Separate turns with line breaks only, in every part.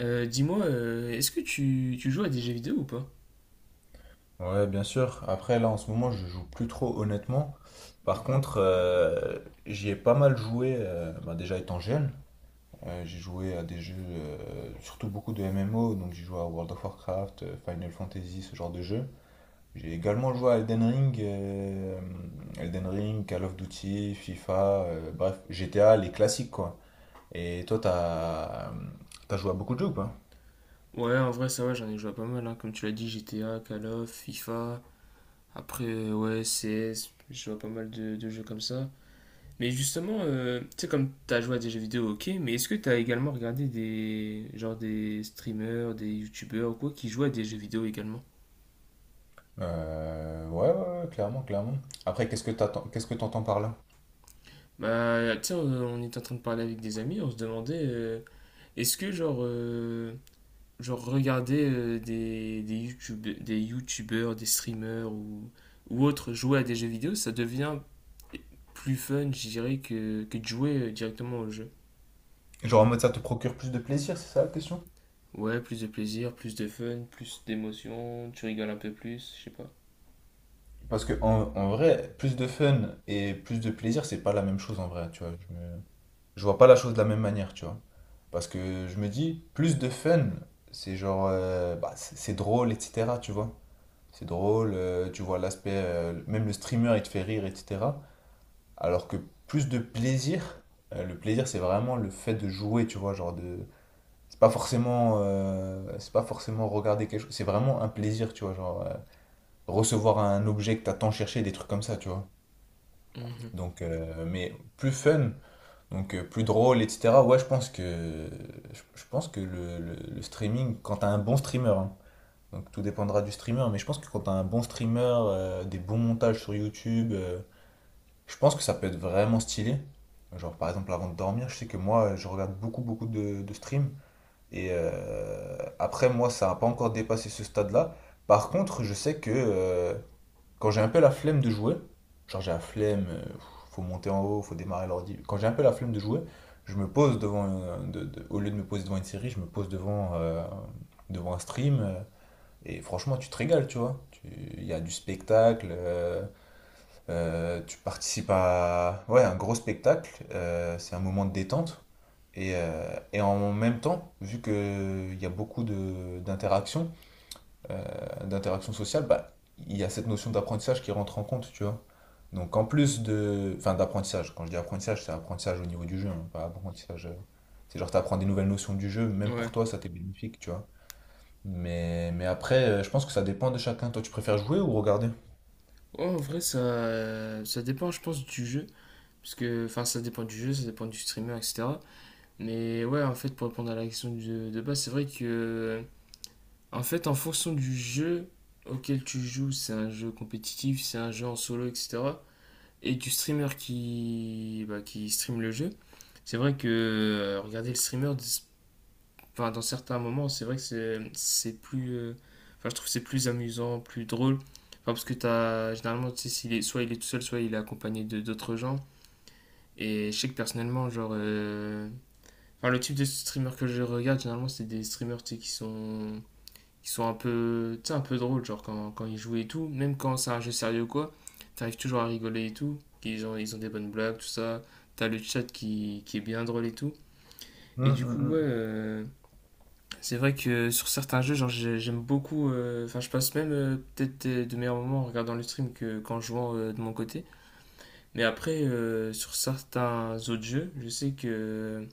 Dis-moi, est-ce que tu joues à des jeux vidéo ou pas?
Ouais, bien sûr. Après, là, en ce moment, je joue plus trop, honnêtement. Par
Mhm.
contre, j'y ai pas mal joué, bah, déjà étant jeune. J'ai joué à des jeux, surtout beaucoup de MMO, donc j'ai joué à World of Warcraft, Final Fantasy, ce genre de jeu. J'ai également joué à Elden Ring, Call of Duty, FIFA, bref, GTA, les classiques, quoi. Et toi, t'as joué à beaucoup de jeux ou pas?
Ouais, en vrai, ça va, j'en ai joué à pas mal, hein. Comme tu l'as dit, GTA, Call of, FIFA, après, ouais, CS, je joue à pas mal de jeux comme ça. Mais justement, tu sais, comme t'as joué à des jeux vidéo, ok, mais est-ce que t'as également regardé genre des streamers, des youtubeurs ou quoi, qui jouent à des jeux vidéo également?
Ouais, ouais, ouais, clairement, clairement. Après, qu'est-ce que t'entends par là?
Bah, tu sais, on était en train de parler avec des amis, on se demandait, est-ce que, genre regarder YouTube, des youtubeurs, des streamers ou autres jouer à des jeux vidéo, ça devient plus fun, je dirais, que de jouer directement au jeu.
Genre en mode ça te procure plus de plaisir, c'est ça la question?
Ouais, plus de plaisir, plus de fun, plus d'émotion, tu rigoles un peu plus, je sais pas.
Parce que en vrai, plus de fun et plus de plaisir, c'est pas la même chose en vrai, tu vois. Je vois pas la chose de la même manière, tu vois. Parce que je me dis, plus de fun, c'est genre, bah, c'est drôle, etc., tu vois. C'est drôle, tu vois l'aspect, même le streamer, il te fait rire, etc. Alors que plus de plaisir, le plaisir, c'est vraiment le fait de jouer, tu vois, genre de. C'est pas forcément regarder quelque chose, c'est vraiment un plaisir, tu vois, genre, recevoir un objet que t'as tant cherché, des trucs comme ça, tu vois.
Mhm.
Donc, mais plus fun, donc plus drôle, etc. Ouais, je pense que le streaming, quand t'as un bon streamer, hein, donc tout dépendra du streamer, mais je pense que quand t'as un bon streamer, des bons montages sur YouTube, je pense que ça peut être vraiment stylé. Genre, par exemple, avant de dormir, je sais que moi, je regarde beaucoup, beaucoup de streams. Et après, moi, ça n'a pas encore dépassé ce stade-là. Par contre, je sais que quand j'ai un peu la flemme de jouer, genre j'ai la flemme, faut monter en haut, faut démarrer l'ordi. Quand j'ai un peu la flemme de jouer, je me pose devant, au lieu de me poser devant une série, je me pose devant un stream. Et franchement, tu te régales, tu vois. Il y a du spectacle, tu participes à ouais, un gros spectacle, c'est un moment de détente. Et en même temps, vu qu'il y a beaucoup d'interaction sociale, bah, il y a cette notion d'apprentissage qui rentre en compte, tu vois. Enfin d'apprentissage, quand je dis apprentissage, c'est apprentissage au niveau du jeu, hein, pas apprentissage. C'est genre t'apprends des nouvelles notions du jeu, même
Ouais.
pour toi ça t'est bénéfique, tu vois. Mais après, je pense que ça dépend de chacun. Toi, tu préfères jouer ou regarder?
Ouais, en vrai, ça dépend, je pense, du jeu. Parce que, enfin, ça dépend du jeu, ça dépend du streamer, etc. Mais ouais, en fait, pour répondre à la question de base, c'est vrai que, en fait, en fonction du jeu auquel tu joues, c'est un jeu compétitif, c'est un jeu en solo, etc. Et du streamer qui, bah, qui stream le jeu, c'est vrai que regarder le streamer, enfin, dans certains moments, c'est vrai que c'est plus. Enfin, je trouve que c'est plus amusant, plus drôle. Enfin, parce que t'as, généralement, tu sais, soit il est tout seul, soit il est accompagné de d'autres gens. Et je sais que personnellement, enfin, le type de streamer que je regarde, généralement, c'est des streamers, tu sais, qui sont un peu, tu sais, un peu drôles, genre quand ils jouent et tout, même quand c'est un jeu sérieux ou quoi, t'arrives toujours à rigoler et tout, ils ont des bonnes blagues, tout ça, t'as le chat qui est bien drôle et tout. Et
Hum,
du
hum,
coup, ouais,
hum.
c'est vrai que sur certains jeux, j'aime beaucoup, enfin je passe même peut-être de meilleurs moments en regardant le stream que qu'en jouant de mon côté. Mais après, sur certains autres jeux,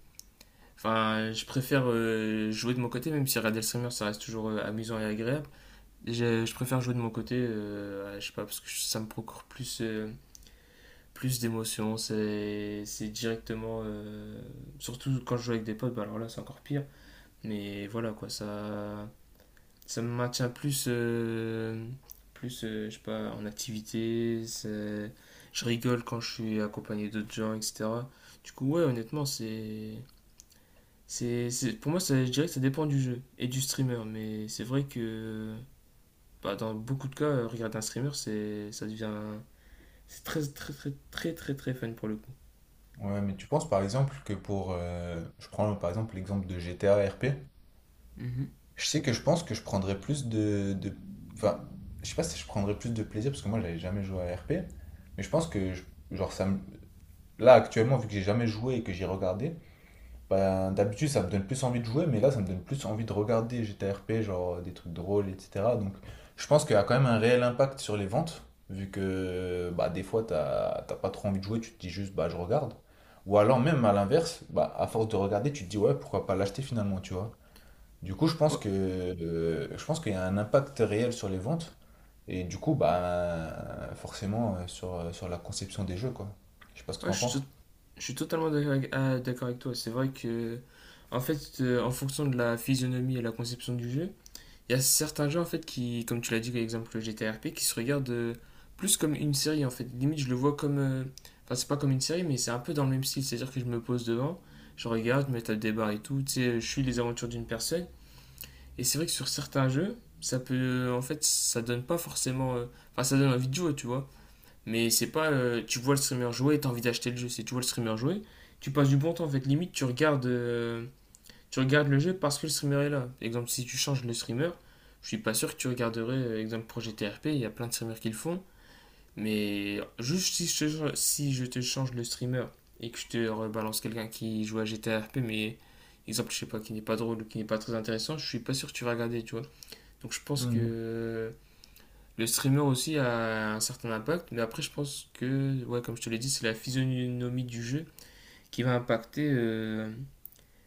enfin je préfère jouer de mon côté, même si regarder le streamer, ça reste toujours amusant et agréable. Je préfère jouer de mon côté, ouais, je sais pas, parce que ça me procure plus d'émotions. C'est directement. Surtout quand je joue avec des potes, bah alors là, c'est encore pire. Mais voilà, quoi, ça me maintient plus. Plus, je sais pas, en activité. Je rigole quand je suis accompagné d'autres gens, etc. Du coup, ouais, honnêtement, pour moi, ça, je dirais que ça dépend du jeu et du streamer, mais c'est vrai que bah, dans beaucoup de cas, regarder un streamer, ça devient. C'est très, très, très, très, très, très fun pour le coup.
Ouais, mais tu penses par exemple que je prends par exemple l'exemple de GTA RP.
Mhm.
Je sais que je pense que je prendrais plus Enfin, je sais pas si je prendrais plus de plaisir, parce que moi, j'avais jamais joué à RP. Mais je pense genre, ça me. Là, actuellement, vu que j'ai jamais joué et que j'ai regardé, ben, d'habitude, ça me donne plus envie de jouer, mais là, ça me donne plus envie de regarder GTA RP, genre, des trucs drôles, etc. Donc, je pense qu'il y a quand même un réel impact sur les ventes, vu que, bah, des fois, t'as pas trop envie de jouer, tu te dis juste, bah, je regarde. Ou alors, même à l'inverse, bah, à force de regarder, tu te dis, ouais, pourquoi pas l'acheter finalement, tu vois. Du coup, je pense
Ouais,
que je pense qu'il y a un impact réel sur les ventes et du coup, bah forcément sur la conception des jeux, quoi. Je sais pas ce que
ouais,
t'en
je suis,
penses.
je suis totalement d'accord d'accord avec toi. C'est vrai que, en fait, en fonction de la physionomie et la conception du jeu, il y a certains jeux, en fait, qui, comme tu l'as dit, par exemple le GTRP, qui se regardent plus comme une série, en fait. Limite, je le vois comme. Enfin, c'est pas comme une série, mais c'est un peu dans le même style. C'est-à-dire que je me pose devant, je regarde, je me tape des barres et tout. Tu sais, je suis les aventures d'une personne. Et c'est vrai que sur certains jeux, ça peut. En fait, ça donne pas forcément. Enfin, ça donne envie de jouer, tu vois. Mais c'est pas. Tu vois le streamer jouer et t'as envie d'acheter le jeu. C'est tu vois le streamer jouer, tu passes du bon temps. En fait, limite, tu regardes le jeu parce que le streamer est là. Exemple, si tu changes le streamer, je suis pas sûr que tu regarderais. Exemple, Projet TRP, il y a plein de streamers qui le font. Mais juste si je te change le streamer et que je te rebalance quelqu'un qui joue à GTA RP, mais exemple, je sais pas, qui n'est pas drôle ou qui n'est pas très intéressant, je suis pas sûr que tu vas regarder, tu vois. Donc je pense
Hmm,
que le streamer aussi a un certain impact, mais après je pense que, ouais, comme je te l'ai dit, c'est la physionomie du jeu qui va impacter, euh,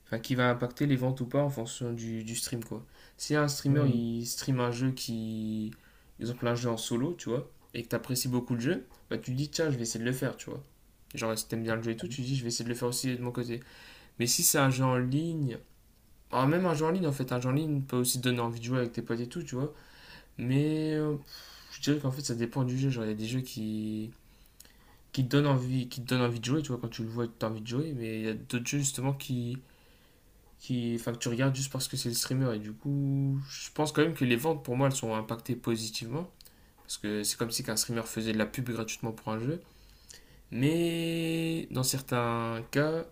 enfin, qui va impacter les ventes ou pas en fonction du stream, quoi. Si un streamer,
hmm.
il stream un jeu qui, par exemple, un jeu en solo, tu vois, et que t'apprécies beaucoup le jeu, bah tu te dis, tiens, je vais essayer de le faire, tu vois. Genre, si t'aimes bien le jeu et tout, tu te dis, je vais essayer de le faire aussi de mon côté. Mais si c'est un jeu en ligne, alors même un jeu en ligne, en fait, un jeu en ligne peut aussi te donner envie de jouer avec tes potes et tout, tu vois. Mais je dirais qu'en fait, ça dépend du jeu. Genre, il y a des jeux qui te donnent envie, qui te donnent envie de jouer, tu vois, quand tu le vois, tu as envie de jouer. Mais il y a d'autres jeux, justement, enfin, que tu regardes juste parce que c'est le streamer. Et du coup, je pense quand même que les ventes, pour moi, elles sont impactées positivement. Parce que c'est comme si qu'un streamer faisait de la pub gratuitement pour un jeu. Mais dans certains cas,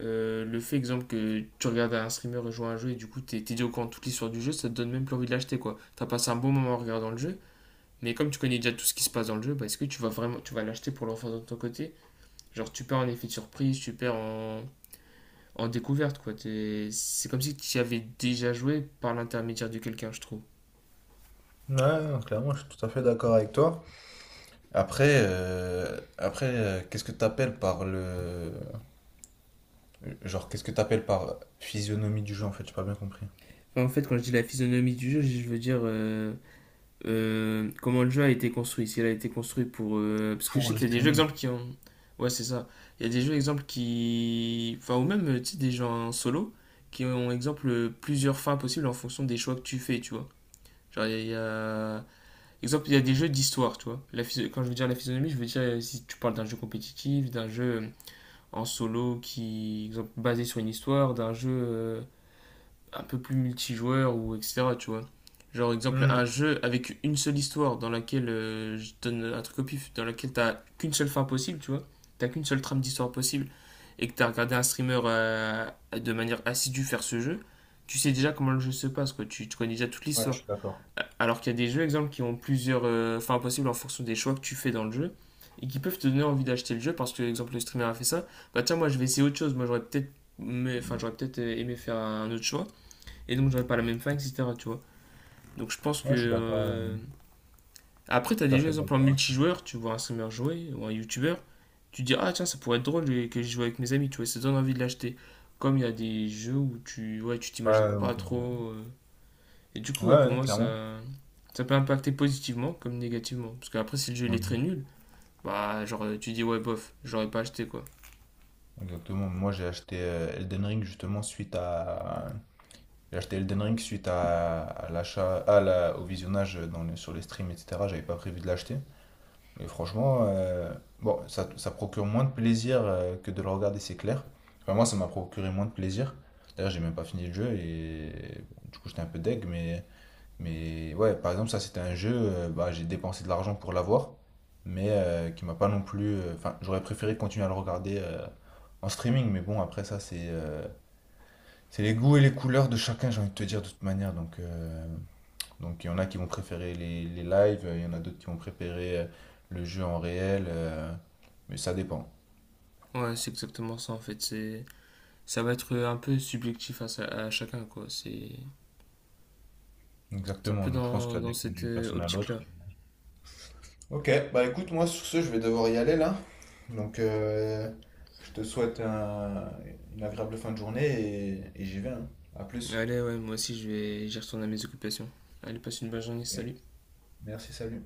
le fait, exemple, que tu regardes un streamer jouer à un jeu et du coup, t'es dit au courant de toute l'histoire du jeu, ça te donne même plus envie de l'acheter, quoi. T'as passé un bon moment en regardant le jeu. Mais comme tu connais déjà tout ce qui se passe dans le jeu, bah, est-ce que tu vas l'acheter pour l'enfant de ton côté? Genre tu perds en effet de surprise, tu perds en découverte, quoi. C'est comme si tu y avais déjà joué par l'intermédiaire de quelqu'un, je trouve.
Ouais, non, clairement, je suis tout à fait d'accord avec toi. Après, qu'est-ce que t'appelles par physionomie du jeu en fait, j'ai pas bien compris.
Enfin, en fait, quand je dis la physionomie du jeu, je veux dire comment le jeu a été construit. S'il a été construit pour. Parce que je
Pour
sais
le
qu'il y a des jeux exemples
streaming.
qui ont ouais c'est ça, il y a des jeux exemples qui, enfin, ou même tu sais, des gens en solo qui ont exemple plusieurs fins possibles en fonction des choix que tu fais, tu vois. Genre il y a, exemple, il y a des jeux d'histoire, tu vois. La Quand je veux dire la physionomie, je veux dire si tu parles d'un jeu compétitif, d'un jeu en solo qui, exemple, basé sur une histoire, d'un jeu un peu plus multijoueur ou etc. Tu vois. Genre, exemple, un
Hmm.
jeu avec une seule histoire dans laquelle je donne un truc au pif, dans laquelle t'as qu'une seule fin possible, tu vois. T'as qu'une seule trame d'histoire possible et que t'as regardé un streamer de manière assidue faire ce jeu, tu sais déjà comment le jeu se passe, quoi. Tu connais déjà toute
Ouais, je
l'histoire.
suis d'accord.
Alors qu'il y a des jeux, exemple, qui ont plusieurs fins possibles en fonction des choix que tu fais dans le jeu et qui peuvent te donner envie d'acheter le jeu parce que, exemple, le streamer a fait ça. Bah tiens, moi je vais essayer autre chose. Moi j'aurais peut-être mais Enfin, j'aurais peut-être aimé faire un autre choix et donc j'aurais pas la même fin, etc., tu vois. Donc je pense que
Ouais, je suis d'accord. euh, je
après t'as
suis tout
des
à
jeux
fait
exemple en
d'accord.
multijoueur, tu vois un streamer jouer ou un youtubeur, tu te dis ah tiens ça pourrait être drôle que je joue avec mes amis, tu vois, ça donne envie de l'acheter, comme il y a des jeux où tu ouais, tu
Ouais,
t'imagines
ouais,
pas
ok,
trop, et du coup,
ouais,
ouais,
ouais,
pour
ouais,
moi,
clairement.
ça peut impacter positivement comme négativement. Parce qu'après, si le jeu il est très
Ouais.
nul, bah, tu dis, ouais, bof, j'aurais pas acheté, quoi.
Exactement. Moi, j'ai acheté Elden Ring suite à l'achat à au visionnage dans sur les streams etc. J'avais pas prévu de l'acheter. Et franchement, bon, ça procure moins de plaisir que de le regarder, c'est clair. Enfin, moi, ça m'a procuré moins de plaisir. D'ailleurs, j'ai même pas fini le jeu et du coup, j'étais un peu deg, mais ouais, par exemple, ça c'était un jeu, bah, j'ai dépensé de l'argent pour l'avoir, mais qui m'a pas non plus. Enfin, j'aurais préféré continuer à le regarder en streaming, mais bon, après ça, c'est les goûts et les couleurs de chacun, j'ai envie de te dire de toute manière. Donc il y en a qui vont préférer les lives, il y en a d'autres qui vont préférer le jeu en réel, mais ça dépend.
Ouais, c'est exactement ça, en fait. Ça va être un peu subjectif à chacun, quoi. C'est un
Exactement,
peu
donc je pense que
dans,
ça
dans
dépend
cette
d'une personne à l'autre.
optique-là.
Ok, bah écoute, moi sur ce, je vais devoir y aller là. Donc, je te souhaite une agréable fin de journée et j'y vais, hein. À plus.
Allez, ouais, moi aussi, j'y retourne à mes occupations. Allez, passe une bonne journée,
Ok.
salut.
Merci, salut.